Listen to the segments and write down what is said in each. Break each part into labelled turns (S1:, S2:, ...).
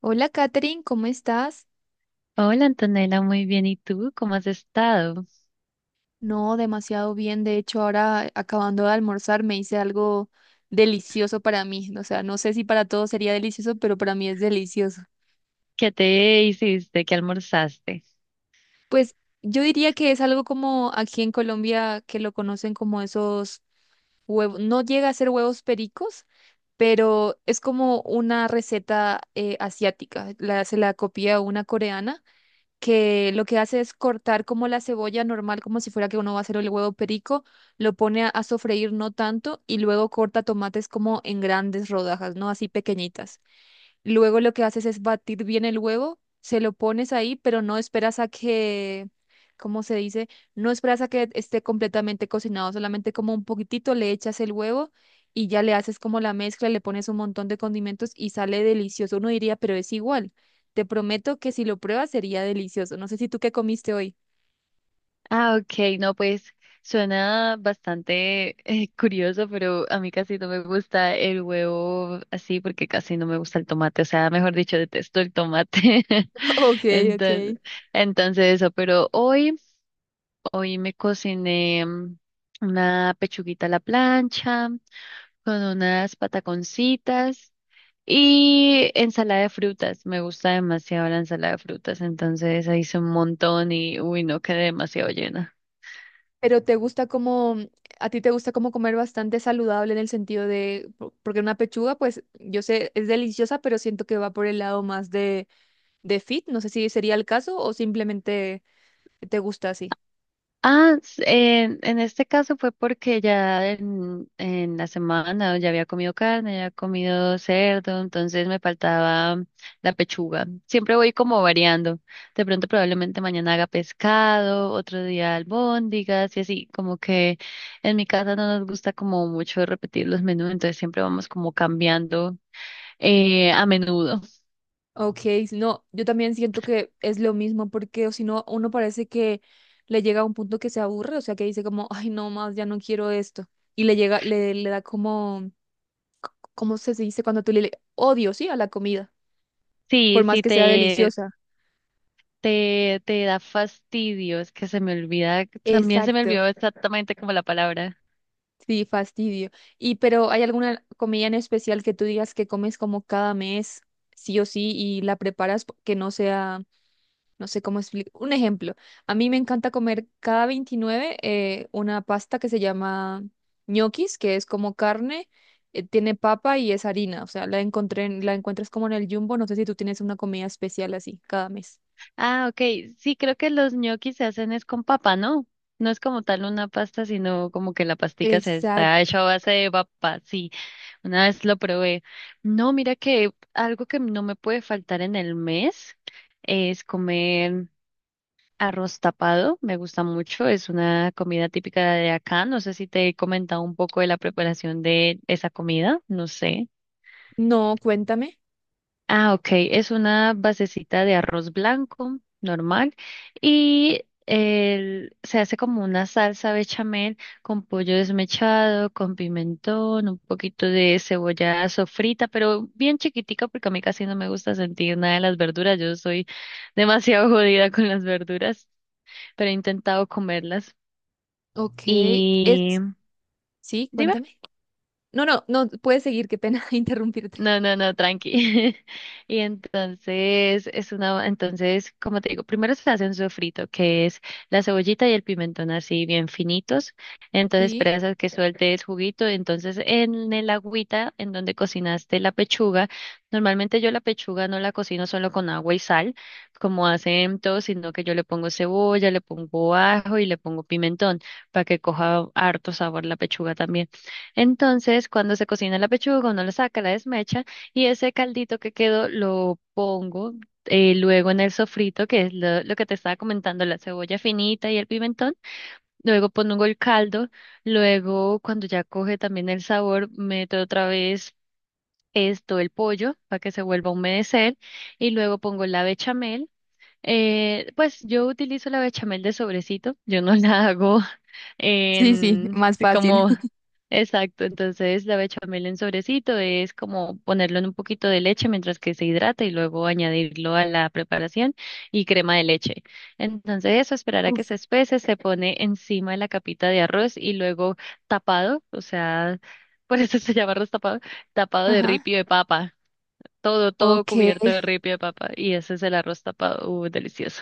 S1: Hola, Katherine, ¿cómo estás?
S2: Hola Antonella, muy bien. ¿Y tú cómo has estado?
S1: No, demasiado bien. De hecho, ahora acabando de almorzar me hice algo delicioso para mí. O sea, no sé si para todos sería delicioso, pero para mí es delicioso.
S2: ¿Qué te hiciste? ¿Qué almorzaste?
S1: Pues yo diría que es algo como aquí en Colombia que lo conocen como esos huevos. No llega a ser huevos pericos, pero es como una receta asiática. La, se la copia una coreana que lo que hace es cortar como la cebolla normal, como si fuera que uno va a hacer el huevo perico, lo pone a sofreír no tanto y luego corta tomates como en grandes rodajas, no así pequeñitas. Luego lo que haces es batir bien el huevo, se lo pones ahí, pero no esperas a que, ¿cómo se dice? No esperas a que esté completamente cocinado, solamente como un poquitito le echas el huevo y ya le haces como la mezcla, le pones un montón de condimentos y sale delicioso. Uno diría, pero es igual. Te prometo que si lo pruebas sería delicioso. No sé si tú qué comiste hoy.
S2: Ah, ok, no, pues suena bastante curioso, pero a mí casi no me gusta el huevo así porque casi no me gusta el tomate, o sea, mejor dicho, detesto el tomate.
S1: Ok,
S2: Entonces,
S1: ok.
S2: entonces eso, pero hoy me cociné una pechuguita a la plancha con unas pataconcitas. Y ensalada de frutas, me gusta demasiado la ensalada de frutas, entonces ahí hice un montón y uy, no quedé demasiado llena.
S1: Pero te gusta como, a ti te gusta como comer bastante saludable en el sentido de, po- porque una pechuga, pues yo sé, es deliciosa, pero siento que va por el lado más de fit. No sé si sería el caso o simplemente te gusta así.
S2: En este caso fue porque ya en la semana ya había comido carne, ya había comido cerdo, entonces me faltaba la pechuga. Siempre voy como variando. De pronto probablemente mañana haga pescado, otro día albóndigas y así, como que en mi casa no nos gusta como mucho repetir los menús, entonces siempre vamos como cambiando a menudo.
S1: Ok, si no, yo también siento que es lo mismo porque o si no, uno parece que le llega a un punto que se aburre, o sea, que dice como, ay, no más, ya no quiero esto. Y le llega, le da como, ¿cómo se dice cuando tú le le- odio, sí, a la comida, por
S2: Sí,
S1: más
S2: sí,
S1: que sea deliciosa?
S2: te da fastidio, es que se me olvida, también se me
S1: Exacto.
S2: olvidó exactamente como la palabra.
S1: Sí, fastidio. Y pero ¿hay alguna comida en especial que tú digas que comes como cada mes, sí o sí, y la preparas po- que no sea, no sé cómo explicar? Un ejemplo, a mí me encanta comer cada 29 una pasta que se llama ñoquis, que es como carne, tiene papa y es harina, o sea, la encontré, en- la encuentras como en el Jumbo, no sé si tú tienes una comida especial así cada mes.
S2: Ah, ok, sí, creo que los ñoquis se hacen es con papa, ¿no? No es como tal una pasta, sino como que la pastica se está
S1: Exacto.
S2: hecha a base de papa, sí, una vez lo probé. No, mira que algo que no me puede faltar en el mes es comer arroz tapado, me gusta mucho, es una comida típica de acá. No sé si te he comentado un poco de la preparación de esa comida, no sé.
S1: No, cuéntame.
S2: Ah, ok, es una basecita de arroz blanco normal y se hace como una salsa bechamel con pollo desmechado, con pimentón, un poquito de cebolla sofrita, pero bien chiquitica porque a mí casi no me gusta sentir nada de las verduras. Yo soy demasiado jodida con las verduras, pero he intentado comerlas.
S1: Ok,
S2: Y
S1: es, sí,
S2: dime,
S1: cuéntame. No, no, no, puedes seguir, qué pena interrumpirte.
S2: no, tranqui. Entonces, como te digo, primero se hace un sofrito, que es la cebollita y el pimentón así bien finitos. Entonces
S1: Sí,
S2: esperas a que suelte el juguito. Entonces en el agüita en donde cocinaste la pechuga, normalmente yo la pechuga no la cocino solo con agua y sal, como hacen todos, sino que yo le pongo cebolla, le pongo ajo y le pongo pimentón para que coja harto sabor la pechuga también. Entonces, cuando se cocina la pechuga, uno la saca, la desmecha y ese caldito que quedó lo pongo luego en el sofrito, que es lo que te estaba comentando, la cebolla finita y el pimentón. Luego pongo el caldo, luego cuando ya coge también el sabor, meto otra vez esto, el pollo, para que se vuelva a humedecer y luego pongo la bechamel. Pues yo utilizo la bechamel de sobrecito, yo no la hago
S1: sí, sí,
S2: en
S1: más fácil.
S2: como exacto, entonces la bechamel en sobrecito es como ponerlo en un poquito de leche mientras que se hidrata y luego añadirlo a la preparación y crema de leche. Entonces eso, esperar a
S1: Uf,
S2: que se espese, se pone encima de la capita de arroz y luego tapado, o sea, por eso se llama arroz tapado, tapado de
S1: ajá.
S2: ripio de papa. Todo
S1: Ok,
S2: cubierto de ripio de papa. Y ese es el arroz tapado. Delicioso.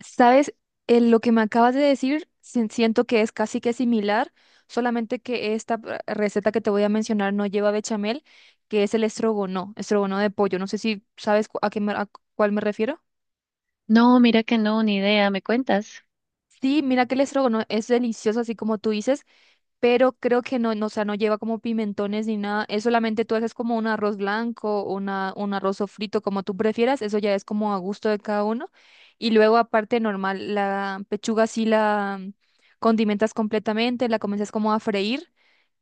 S1: ¿sabes? Lo que me acabas de decir, sien- siento que es casi que similar, solamente que esta p- receta que te voy a mencionar no lleva bechamel, que es el estrogono, estrogono de pollo. No sé si sabes cu- a qué me- a cu- cuál me refiero.
S2: No, mira que no, ni idea. ¿Me cuentas?
S1: Sí, mira que el estrogono es delicioso, así como tú dices, pero creo que no, no, o sea, no lleva como pimentones ni nada. Es solamente tú haces como un arroz blanco, una, un arroz frito, como tú prefieras. Eso ya es como a gusto de cada uno. Y luego, aparte, normal, la pechuga sí la condimentas completamente, la comienzas como a freír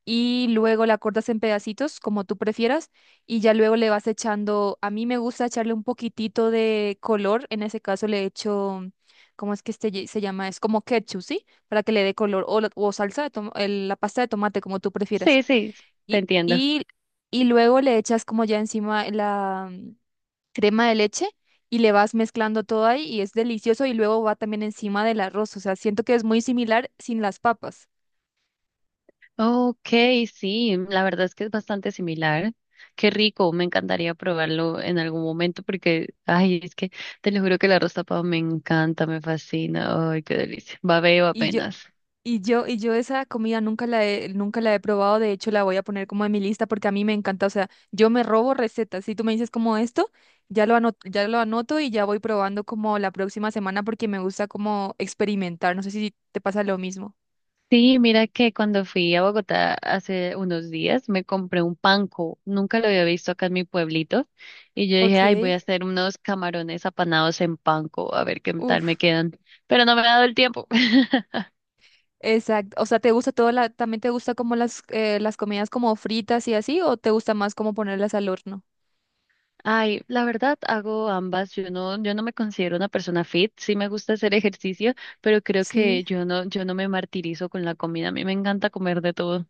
S1: y luego la cortas en pedacitos, como tú prefieras, y ya luego le vas echando, a mí me gusta echarle un poquitito de color, en ese caso le echo, mm, ¿cómo es que este ye- se llama? Es como ketchup, ¿sí? Para que le dé color, o, la- o salsa de toma- el- la pasta de tomate, como tú prefieras.
S2: Sí, sí, te
S1: Y,
S2: entiendo.
S1: y, y luego le echas como ya encima la mm, crema de leche. Y le vas mezclando todo ahí y es delicioso y luego va también encima del arroz. O sea, siento que es muy similar sin las papas.
S2: Ok, sí, la verdad es que es bastante similar. Qué rico, me encantaría probarlo en algún momento porque, ay, es que te lo juro que el arroz tapado me encanta, me fascina. Ay, qué delicia. Babeo
S1: Y yo,
S2: apenas.
S1: y yo esa comida nunca la he, nunca la he probado, de hecho la voy a poner como en mi lista porque a mí me encanta, o sea, yo me robo recetas, si tú me dices como esto, ya lo anoto y ya voy probando como la próxima semana porque me gusta como experimentar, no sé si te pasa lo mismo.
S2: Sí, mira que cuando fui a Bogotá hace unos días me compré un panko, nunca lo había visto acá en mi pueblito, y yo dije,
S1: Ok,
S2: ay, voy a hacer unos camarones apanados en panko, a ver qué tal me
S1: uf,
S2: quedan, pero no me ha dado el tiempo.
S1: exacto, o sea, ¿te gusta todo la, también te gusta como las comidas como fritas y así o te gusta más como ponerlas al horno?
S2: Ay, la verdad hago ambas, yo no me considero una persona fit, sí me gusta hacer ejercicio, pero creo
S1: Sí.
S2: que yo no me martirizo con la comida, a mí me encanta comer de todo.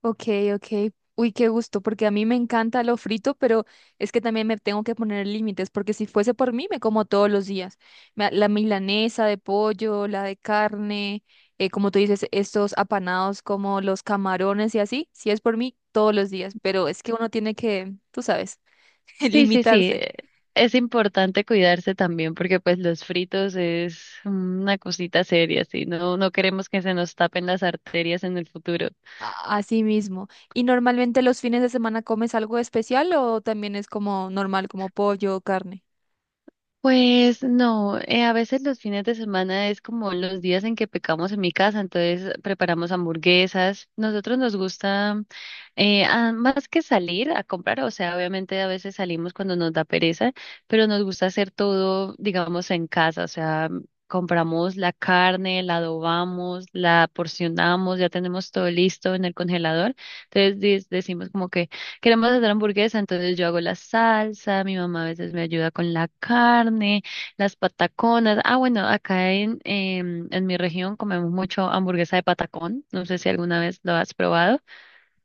S1: Ok, ok. Uy, qué gusto, porque a mí me encanta lo frito, pero es que también me tengo que poner límites, porque si fuese por mí, me como todos los días. Me- La milanesa de pollo, la de carne, como tú dices, estos apanados como los camarones y así, si es por mí, todos los días, pero es que uno tiene que, tú sabes,
S2: Sí, sí, sí.
S1: limitarse
S2: Es importante cuidarse también porque pues los fritos es una cosita seria, sí. No, no queremos que se nos tapen las arterias en el futuro.
S1: a sí mismo. ¿Y normalmente los fines de semana comes algo especial o también es como normal, como pollo o carne?
S2: Pues no, a veces los fines de semana es como los días en que pecamos en mi casa, entonces preparamos hamburguesas. Nosotros nos gusta más que salir a comprar, o sea, obviamente a veces salimos cuando nos da pereza, pero nos gusta hacer todo, digamos, en casa, o sea, compramos la carne, la adobamos, la porcionamos, ya tenemos todo listo en el congelador, entonces decimos como que queremos hacer hamburguesa, entonces yo hago la salsa, mi mamá a veces me ayuda con la carne, las pataconas. Ah, bueno, acá en mi región comemos mucho hamburguesa de patacón. No sé si alguna vez lo has probado.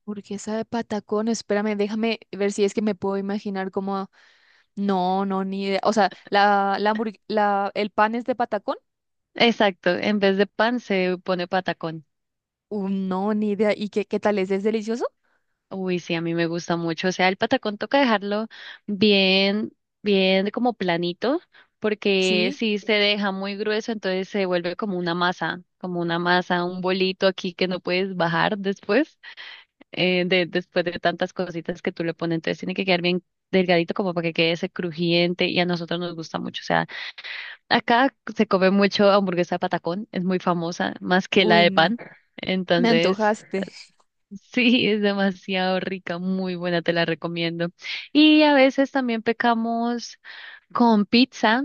S1: Burguesa de patacón, espérame, déjame ver si es que me puedo imaginar cómo. No, no, ni idea. O sea, hamburg- la- el pan es de patacón.
S2: Exacto, en vez de pan se pone patacón.
S1: Uy, no, ni idea. ¿Y qué, qué tal es? ¿Es delicioso?
S2: Uy, sí, a mí me gusta mucho. O sea, el patacón toca dejarlo bien, bien como planito, porque
S1: Sí.
S2: si se deja muy grueso, entonces se vuelve como una masa, un bolito aquí que no puedes bajar después. Después de tantas cositas que tú le pones. Entonces tiene que quedar bien delgadito como para que quede ese crujiente y a nosotros nos gusta mucho. O sea, acá se come mucho hamburguesa de patacón, es muy famosa, más que la
S1: Uy,
S2: de
S1: no.
S2: pan.
S1: Me
S2: Entonces,
S1: antojaste.
S2: sí, es demasiado rica, muy buena, te la recomiendo. Y a veces también pecamos con pizza.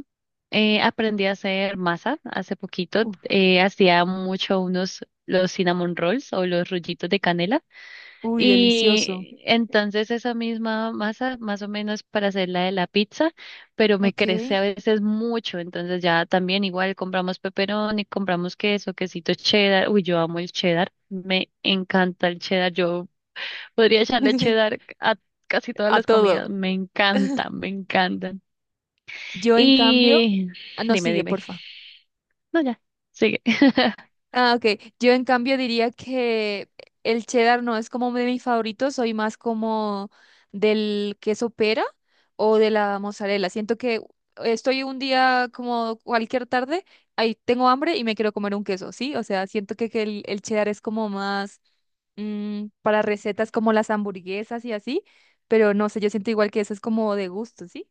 S2: Aprendí a hacer masa hace poquito.
S1: Uf,
S2: Hacía mucho unos los cinnamon rolls o los rollitos de canela.
S1: uy, delicioso.
S2: Y entonces esa misma masa, más o menos para hacer la de la pizza, pero me
S1: Ok.
S2: crece a veces mucho. Entonces ya también igual compramos pepperoni, compramos queso, quesito cheddar. Uy, yo amo el cheddar. Me encanta el cheddar. Yo podría echarle cheddar a casi todas
S1: A
S2: las
S1: todo.
S2: comidas. Me encantan, me encantan.
S1: Yo, en cambio.
S2: Y
S1: No, sigue,
S2: dime.
S1: porfa.
S2: No, ya, sigue.
S1: Ah, ok. Yo en cambio diría que el cheddar no es como de mis favoritos, soy más como del queso pera o de la mozzarella. Siento que estoy un día como cualquier tarde, ahí tengo hambre y me quiero comer un queso, ¿sí? O sea, siento que el cheddar es como más mm, para recetas como las hamburguesas y así, pero no sé, yo siento igual que eso es como de gusto, ¿sí?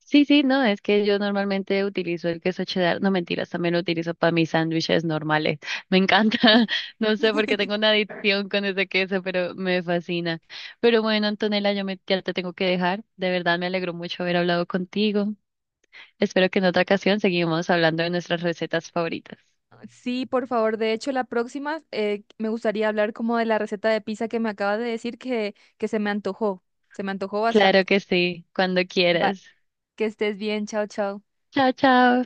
S2: Sí, sí, no, es que yo normalmente utilizo el queso cheddar, no mentiras, también lo utilizo para mis sándwiches normales. Me encanta, no sé por qué tengo una adicción con ese queso, pero me fascina. Pero bueno, Antonella, ya te tengo que dejar. De verdad me alegró mucho haber hablado contigo. Espero que en otra ocasión seguimos hablando de nuestras recetas favoritas.
S1: Sí, por favor. De hecho, la próxima me gustaría hablar como de la receta de pizza que me acabas de decir que se me antojó. Se me antojó
S2: Claro
S1: bastante.
S2: que sí, cuando
S1: Va,
S2: quieras.
S1: que estés bien. Chao, chao.
S2: Chao, chao.